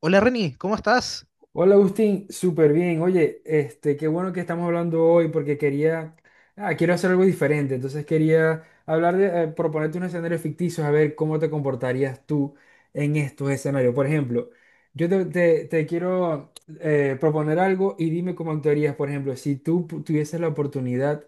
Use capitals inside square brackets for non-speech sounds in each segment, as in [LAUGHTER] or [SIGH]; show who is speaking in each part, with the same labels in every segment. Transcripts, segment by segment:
Speaker 1: Hola Reni, ¿cómo estás?
Speaker 2: Hola Agustín, súper bien. Oye, este, qué bueno que estamos hablando hoy porque quiero hacer algo diferente. Entonces quería hablar de, proponerte unos escenarios ficticios a ver cómo te comportarías tú en estos escenarios. Por ejemplo, yo te quiero proponer algo y dime cómo actuarías. Por ejemplo, si tú tuvieses la oportunidad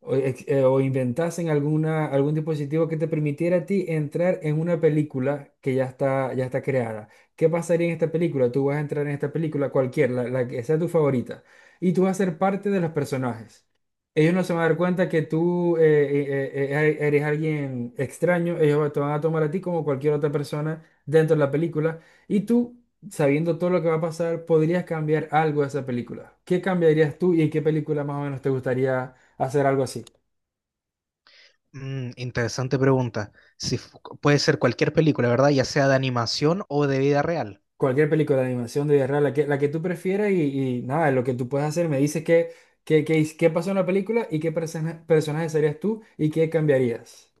Speaker 2: o, o inventasen algún dispositivo que te permitiera a ti entrar en una película que ya está creada. ¿Qué pasaría en esta película? Tú vas a entrar en esta película la que sea tu favorita, y tú vas a ser parte de los personajes. Ellos no se van a dar cuenta que tú eres alguien extraño, ellos te van a tomar a ti como cualquier otra persona dentro de la película, y tú, sabiendo todo lo que va a pasar, podrías cambiar algo de esa película. ¿Qué cambiarías tú y en qué película más o menos te gustaría hacer algo así?
Speaker 1: Interesante pregunta. Si fu- ¿Puede ser cualquier película, verdad? Ya sea de animación o de vida real.
Speaker 2: Cualquier película de animación, de vida la que tú prefieras y nada, lo que tú puedes hacer. Me dices qué pasó en la película y qué personaje serías tú y qué cambiarías.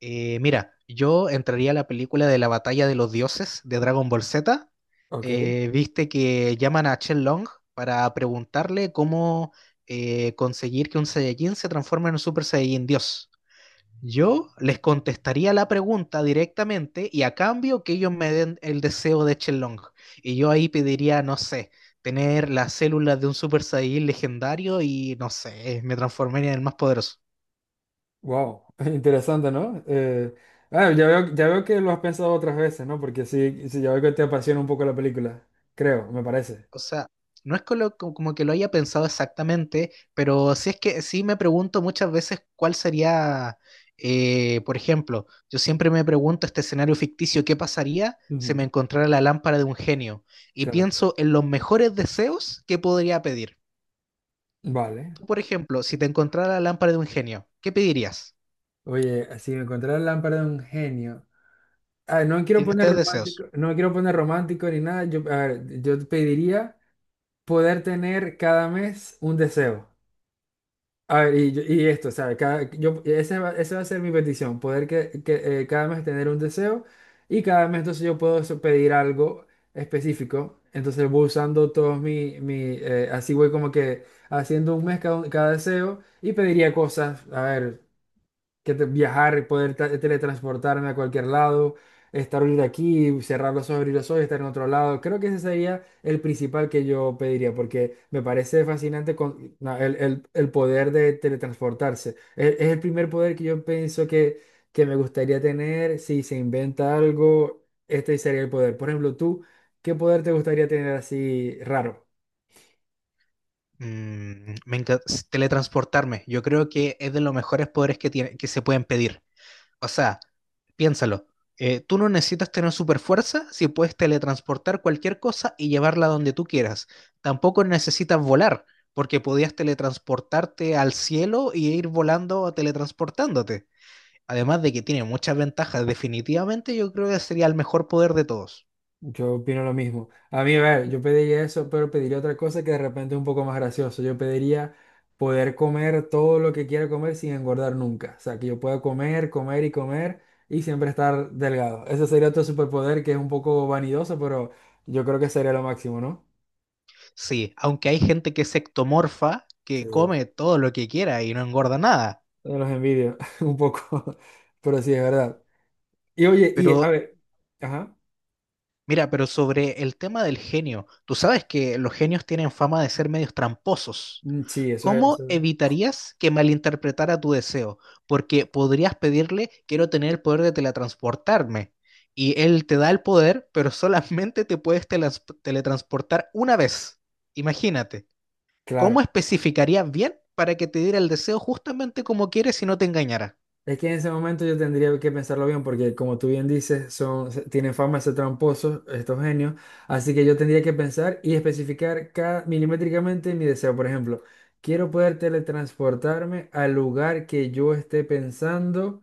Speaker 1: Mira, yo entraría a la película de la Batalla de los Dioses de Dragon Ball Z.
Speaker 2: Ok,
Speaker 1: Viste que llaman a Chen Long para preguntarle cómo conseguir que un Saiyajin se transforme en un Super Saiyajin Dios. Yo les contestaría la pregunta directamente y a cambio que ellos me den el deseo de Chelong. Y yo ahí pediría, no sé, tener las células de un Super Saiyan legendario y no sé, me transformaría en el más poderoso.
Speaker 2: wow, [LAUGHS] interesante, ¿no? Ya veo que lo has pensado otras veces, ¿no? Porque sí, sí, ya veo que te apasiona un poco la película, creo, me parece.
Speaker 1: O sea, no es que lo- como que lo haya pensado exactamente, pero sí es que sí me pregunto muchas veces cuál sería, por ejemplo, yo siempre me pregunto este escenario ficticio, ¿qué pasaría si me
Speaker 2: Ujú.
Speaker 1: encontrara la lámpara de un genio? Y
Speaker 2: Claro,
Speaker 1: pienso en los mejores deseos que podría pedir.
Speaker 2: vale.
Speaker 1: Tú, por ejemplo, si te encontrara la lámpara de un genio, ¿qué pedirías?
Speaker 2: Oye, si me encontrara la lámpara de un genio. Ah, no quiero
Speaker 1: Tienes
Speaker 2: poner
Speaker 1: tres deseos.
Speaker 2: romántico, no quiero poner romántico ni nada. Yo, a ver, yo te pediría. Poder tener cada mes un deseo. A ver, y esto, ¿sabes? Esa va a ser mi petición, poder cada mes tener un deseo y cada mes entonces yo puedo pedir algo específico. Entonces voy usando todos mi, mi así voy como que haciendo un mes cada deseo y pediría cosas, a ver que viajar y poder teletransportarme a cualquier lado, estar ahorita aquí, cerrar los ojos, abrir los ojos, estar en otro lado. Creo que ese sería el principal que yo pediría, porque me parece fascinante no, el poder de teletransportarse. Es el primer poder que yo pienso que me gustaría tener. Si se inventa algo, este sería el poder. Por ejemplo, tú, ¿qué poder te gustaría tener así raro?
Speaker 1: Teletransportarme. Yo creo que es de los mejores poderes que se pueden pedir. O sea, piénsalo. Tú no necesitas tener super fuerza si puedes teletransportar cualquier cosa y llevarla donde tú quieras. Tampoco necesitas volar, porque podías teletransportarte al cielo y ir volando o teletransportándote. Además de que tiene muchas ventajas, definitivamente yo creo que sería el mejor poder de todos.
Speaker 2: Yo opino lo mismo. A mí, a ver, yo pediría eso, pero pediría otra cosa que de repente es un poco más gracioso. Yo pediría poder comer todo lo que quiera comer sin engordar nunca. O sea, que yo pueda comer, comer y comer y siempre estar delgado. Ese sería otro superpoder que es un poco vanidoso, pero yo creo que sería lo máximo, ¿no?
Speaker 1: Sí, aunque hay gente que es ectomorfa, que
Speaker 2: Sí.
Speaker 1: come todo lo que quiera y no engorda nada.
Speaker 2: Yo los envidio [LAUGHS] un poco, pero sí, es verdad. Y oye, y a
Speaker 1: Pero
Speaker 2: ver, ajá.
Speaker 1: mira, pero sobre el tema del genio, tú sabes que los genios tienen fama de ser medios tramposos.
Speaker 2: Mm, sí,
Speaker 1: ¿Cómo evitarías que malinterpretara tu deseo? Porque podrías pedirle, quiero tener el poder de teletransportarme. Y él te da el poder, pero [LAUGHS] solamente te puedes teletransportar una vez. Imagínate,
Speaker 2: claro.
Speaker 1: ¿cómo especificarías bien para que te diera el deseo justamente como quieres y no te engañara?
Speaker 2: Es que en ese momento yo tendría que pensarlo bien, porque como tú bien dices, tienen fama de ser tramposos estos genios, así que yo tendría que pensar y especificar milimétricamente mi deseo. Por ejemplo, quiero poder teletransportarme al lugar que yo esté pensando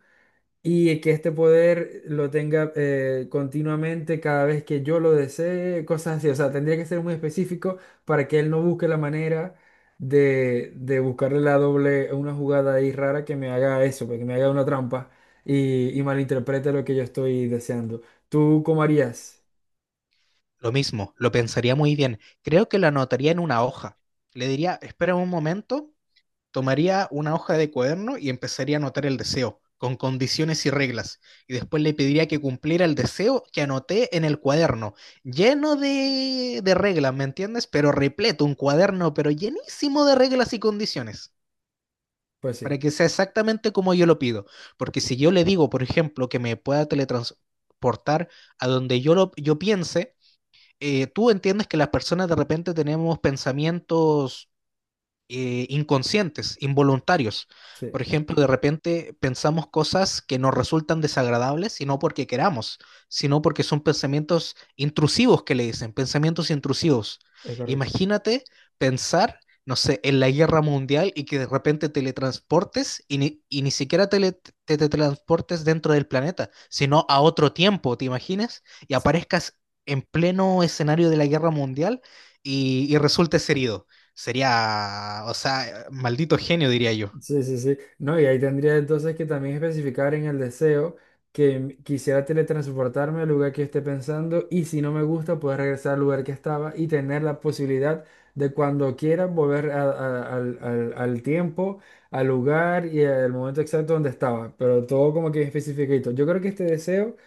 Speaker 2: y que este poder lo tenga continuamente cada vez que yo lo desee, cosas así. O sea, tendría que ser muy específico para que él no busque la manera de buscarle una jugada ahí rara que me haga eso, pues, que me haga una trampa y malinterprete lo que yo estoy deseando. ¿Tú cómo harías?
Speaker 1: Lo mismo, lo pensaría muy bien. Creo que lo anotaría en una hoja. Le diría, espera un momento, tomaría una hoja de cuaderno y empezaría a anotar el deseo, con condiciones y reglas, y después le pediría que cumpliera el deseo que anoté en el cuaderno, lleno de reglas, ¿me entiendes? Pero repleto, un cuaderno, pero llenísimo de reglas y condiciones
Speaker 2: Pues
Speaker 1: para
Speaker 2: sí,
Speaker 1: que sea exactamente como yo lo pido. Porque si yo le digo, por ejemplo, que me pueda teletransportar a donde yo piense, tú entiendes que las personas de repente tenemos pensamientos inconscientes, involuntarios.
Speaker 2: sí,
Speaker 1: Por ejemplo, de repente pensamos cosas que nos resultan desagradables y no porque queramos, sino porque son pensamientos intrusivos que le dicen, pensamientos intrusivos.
Speaker 2: es correcto.
Speaker 1: Imagínate pensar, no sé, en la guerra mundial y que de repente teletransportes y ni siquiera tele- te teletransportes dentro del planeta, sino a otro tiempo, ¿te imaginas? Y aparezcas en pleno escenario de la guerra mundial y resultes herido. Sería, o sea, maldito genio, diría yo.
Speaker 2: Sí, sí, sí. No, y ahí tendría entonces que también especificar en el deseo que quisiera teletransportarme al lugar que esté pensando y si no me gusta, poder regresar al lugar que estaba y tener la posibilidad de cuando quiera volver al tiempo, al lugar y al momento exacto donde estaba. Pero todo como que especificadito. Yo creo que este deseo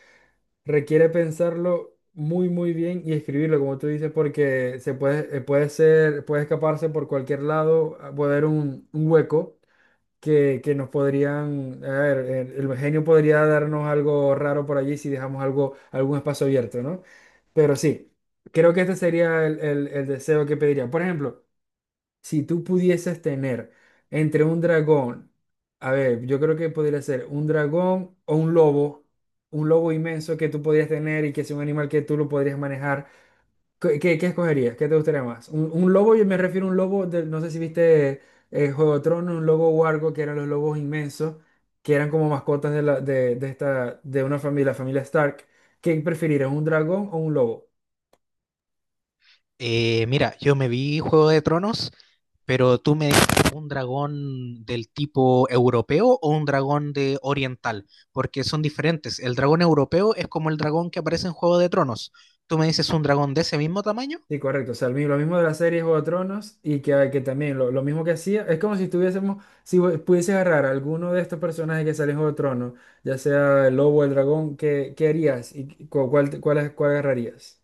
Speaker 2: requiere pensarlo muy, muy bien y escribirlo, como tú dices, porque se puede, puede ser, puede escaparse por cualquier lado, puede haber un hueco que nos podrían, a ver, el genio podría darnos algo raro por allí si dejamos algún espacio abierto, ¿no? Pero sí, creo que este sería el deseo que pediría. Por ejemplo, si tú pudieses tener entre un dragón, a ver, yo creo que podría ser un dragón o un lobo inmenso que tú podrías tener y que es un animal que tú lo podrías manejar. ¿Qué escogerías? ¿Qué te gustaría más? Un lobo, yo me refiero a un lobo, no sé si viste Juego de Tronos, un lobo huargo, que eran los lobos inmensos, que eran como mascotas de una familia, la familia Stark. ¿Qué preferirías, un dragón o un lobo?
Speaker 1: Mira, yo me vi Juego de Tronos, pero tú me dijiste un dragón del tipo europeo o un dragón de oriental, porque son diferentes. El dragón europeo es como el dragón que aparece en Juego de Tronos. Tú me dices un dragón de ese mismo tamaño,
Speaker 2: Sí, correcto. O sea, lo mismo de la serie Juego de Tronos y que también lo mismo que hacía, es como si estuviésemos, si pudieses agarrar a alguno de estos personajes que salen en Juego de Tronos, ya sea el lobo o el dragón, ¿qué harías y cuál agarrarías?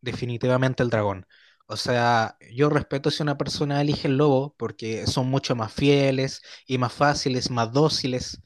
Speaker 1: definitivamente el dragón. O sea, yo respeto si una persona elige el lobo, porque son mucho más fieles y más fáciles, más dóciles.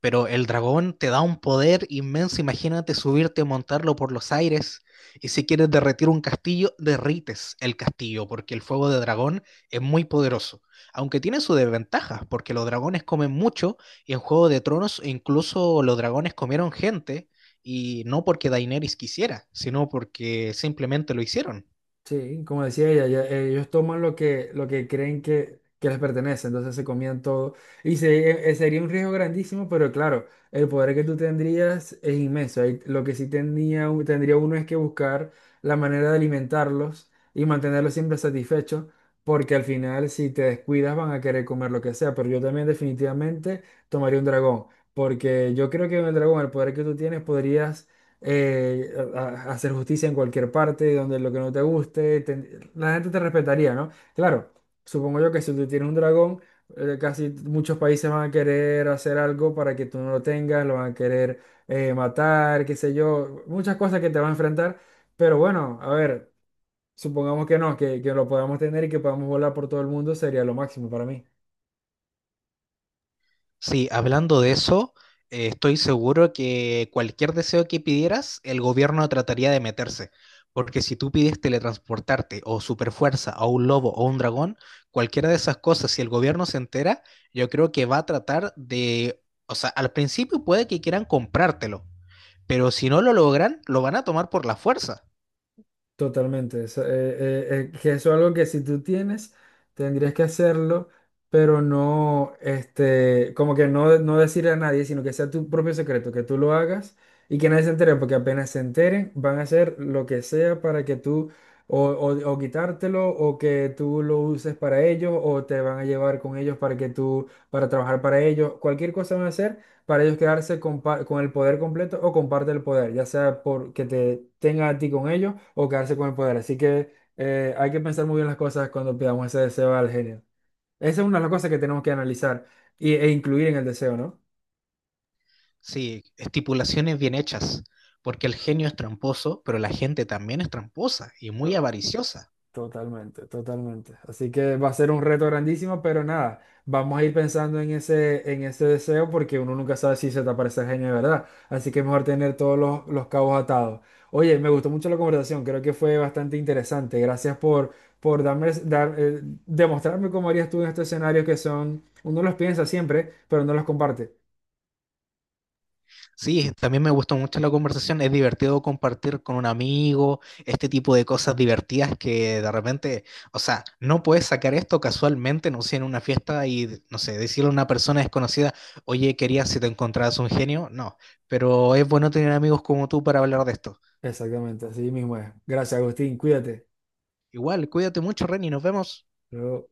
Speaker 1: Pero el dragón te da un poder inmenso. Imagínate subirte y montarlo por los aires. Y si quieres derretir un castillo, derrites el castillo, porque el fuego de dragón es muy poderoso. Aunque tiene sus desventajas, porque los dragones comen mucho, y en Juego de Tronos incluso los dragones comieron gente, y no porque Daenerys quisiera, sino porque simplemente lo hicieron.
Speaker 2: Sí, como decía ella, ellos toman lo que creen que les pertenece, entonces se comían todo. Y sería un riesgo grandísimo, pero claro, el poder que tú tendrías es inmenso. Ahí lo que sí tendría uno es que buscar la manera de alimentarlos y mantenerlos siempre satisfechos, porque al final si te descuidas van a querer comer lo que sea, pero yo también definitivamente tomaría un dragón, porque yo creo que con el dragón, el poder que tú tienes, podrías a hacer justicia en cualquier parte, donde lo que no te guste, la gente te respetaría, ¿no? Claro, supongo yo que si tú tienes un dragón, casi muchos países van a querer hacer algo para que tú no lo tengas, lo van a querer matar, qué sé yo, muchas cosas que te van a enfrentar, pero bueno, a ver, supongamos que no, que lo podamos tener y que podamos volar por todo el mundo, sería lo máximo para mí.
Speaker 1: Sí, hablando de eso, estoy seguro que cualquier deseo que pidieras, el gobierno trataría de meterse. Porque si tú pides teletransportarte o superfuerza o un lobo o un dragón, cualquiera de esas cosas, si el gobierno se entera, yo creo que va a tratar de, o sea, al principio puede que quieran comprártelo, pero si no lo logran, lo van a tomar por la fuerza.
Speaker 2: Totalmente. Eso, que eso es algo que si tú tienes, tendrías que hacerlo, pero no, este, como que no, no decirle a nadie, sino que sea tu propio secreto, que tú lo hagas y que nadie se entere, porque apenas se enteren, van a hacer lo que sea para que tú, o quitártelo, o que tú lo uses para ellos, o te van a llevar con ellos para que tú, para trabajar para ellos, cualquier cosa van a hacer para ellos quedarse con el poder completo o comparte el poder, ya sea por que te tenga a ti con ellos o quedarse con el poder. Así que hay que pensar muy bien las cosas cuando pidamos ese deseo al genio. Esa es una de las cosas que tenemos que analizar e incluir en el deseo, ¿no?
Speaker 1: Sí, estipulaciones bien hechas, porque el genio es tramposo, pero la gente también es tramposa y muy avariciosa.
Speaker 2: Totalmente, totalmente. Así que va a ser un reto grandísimo, pero nada, vamos a ir pensando en ese deseo porque uno nunca sabe si se te aparece el genio de verdad. Así que es mejor tener todos los cabos atados. Oye, me gustó mucho la conversación, creo que fue bastante interesante. Gracias por demostrarme cómo harías tú en estos escenarios que son, uno los piensa siempre, pero no los comparte.
Speaker 1: Sí, también me gustó mucho la conversación. Es divertido compartir con un amigo este tipo de cosas divertidas que de repente, o sea, no puedes sacar esto casualmente, no sé, en una fiesta y, no sé, decirle a una persona desconocida, oye, quería si te encontrabas un genio. No, pero es bueno tener amigos como tú para hablar de esto.
Speaker 2: Exactamente, así mismo es. Gracias, Agustín, cuídate.
Speaker 1: Igual, cuídate mucho, Reni, nos vemos.
Speaker 2: Luego-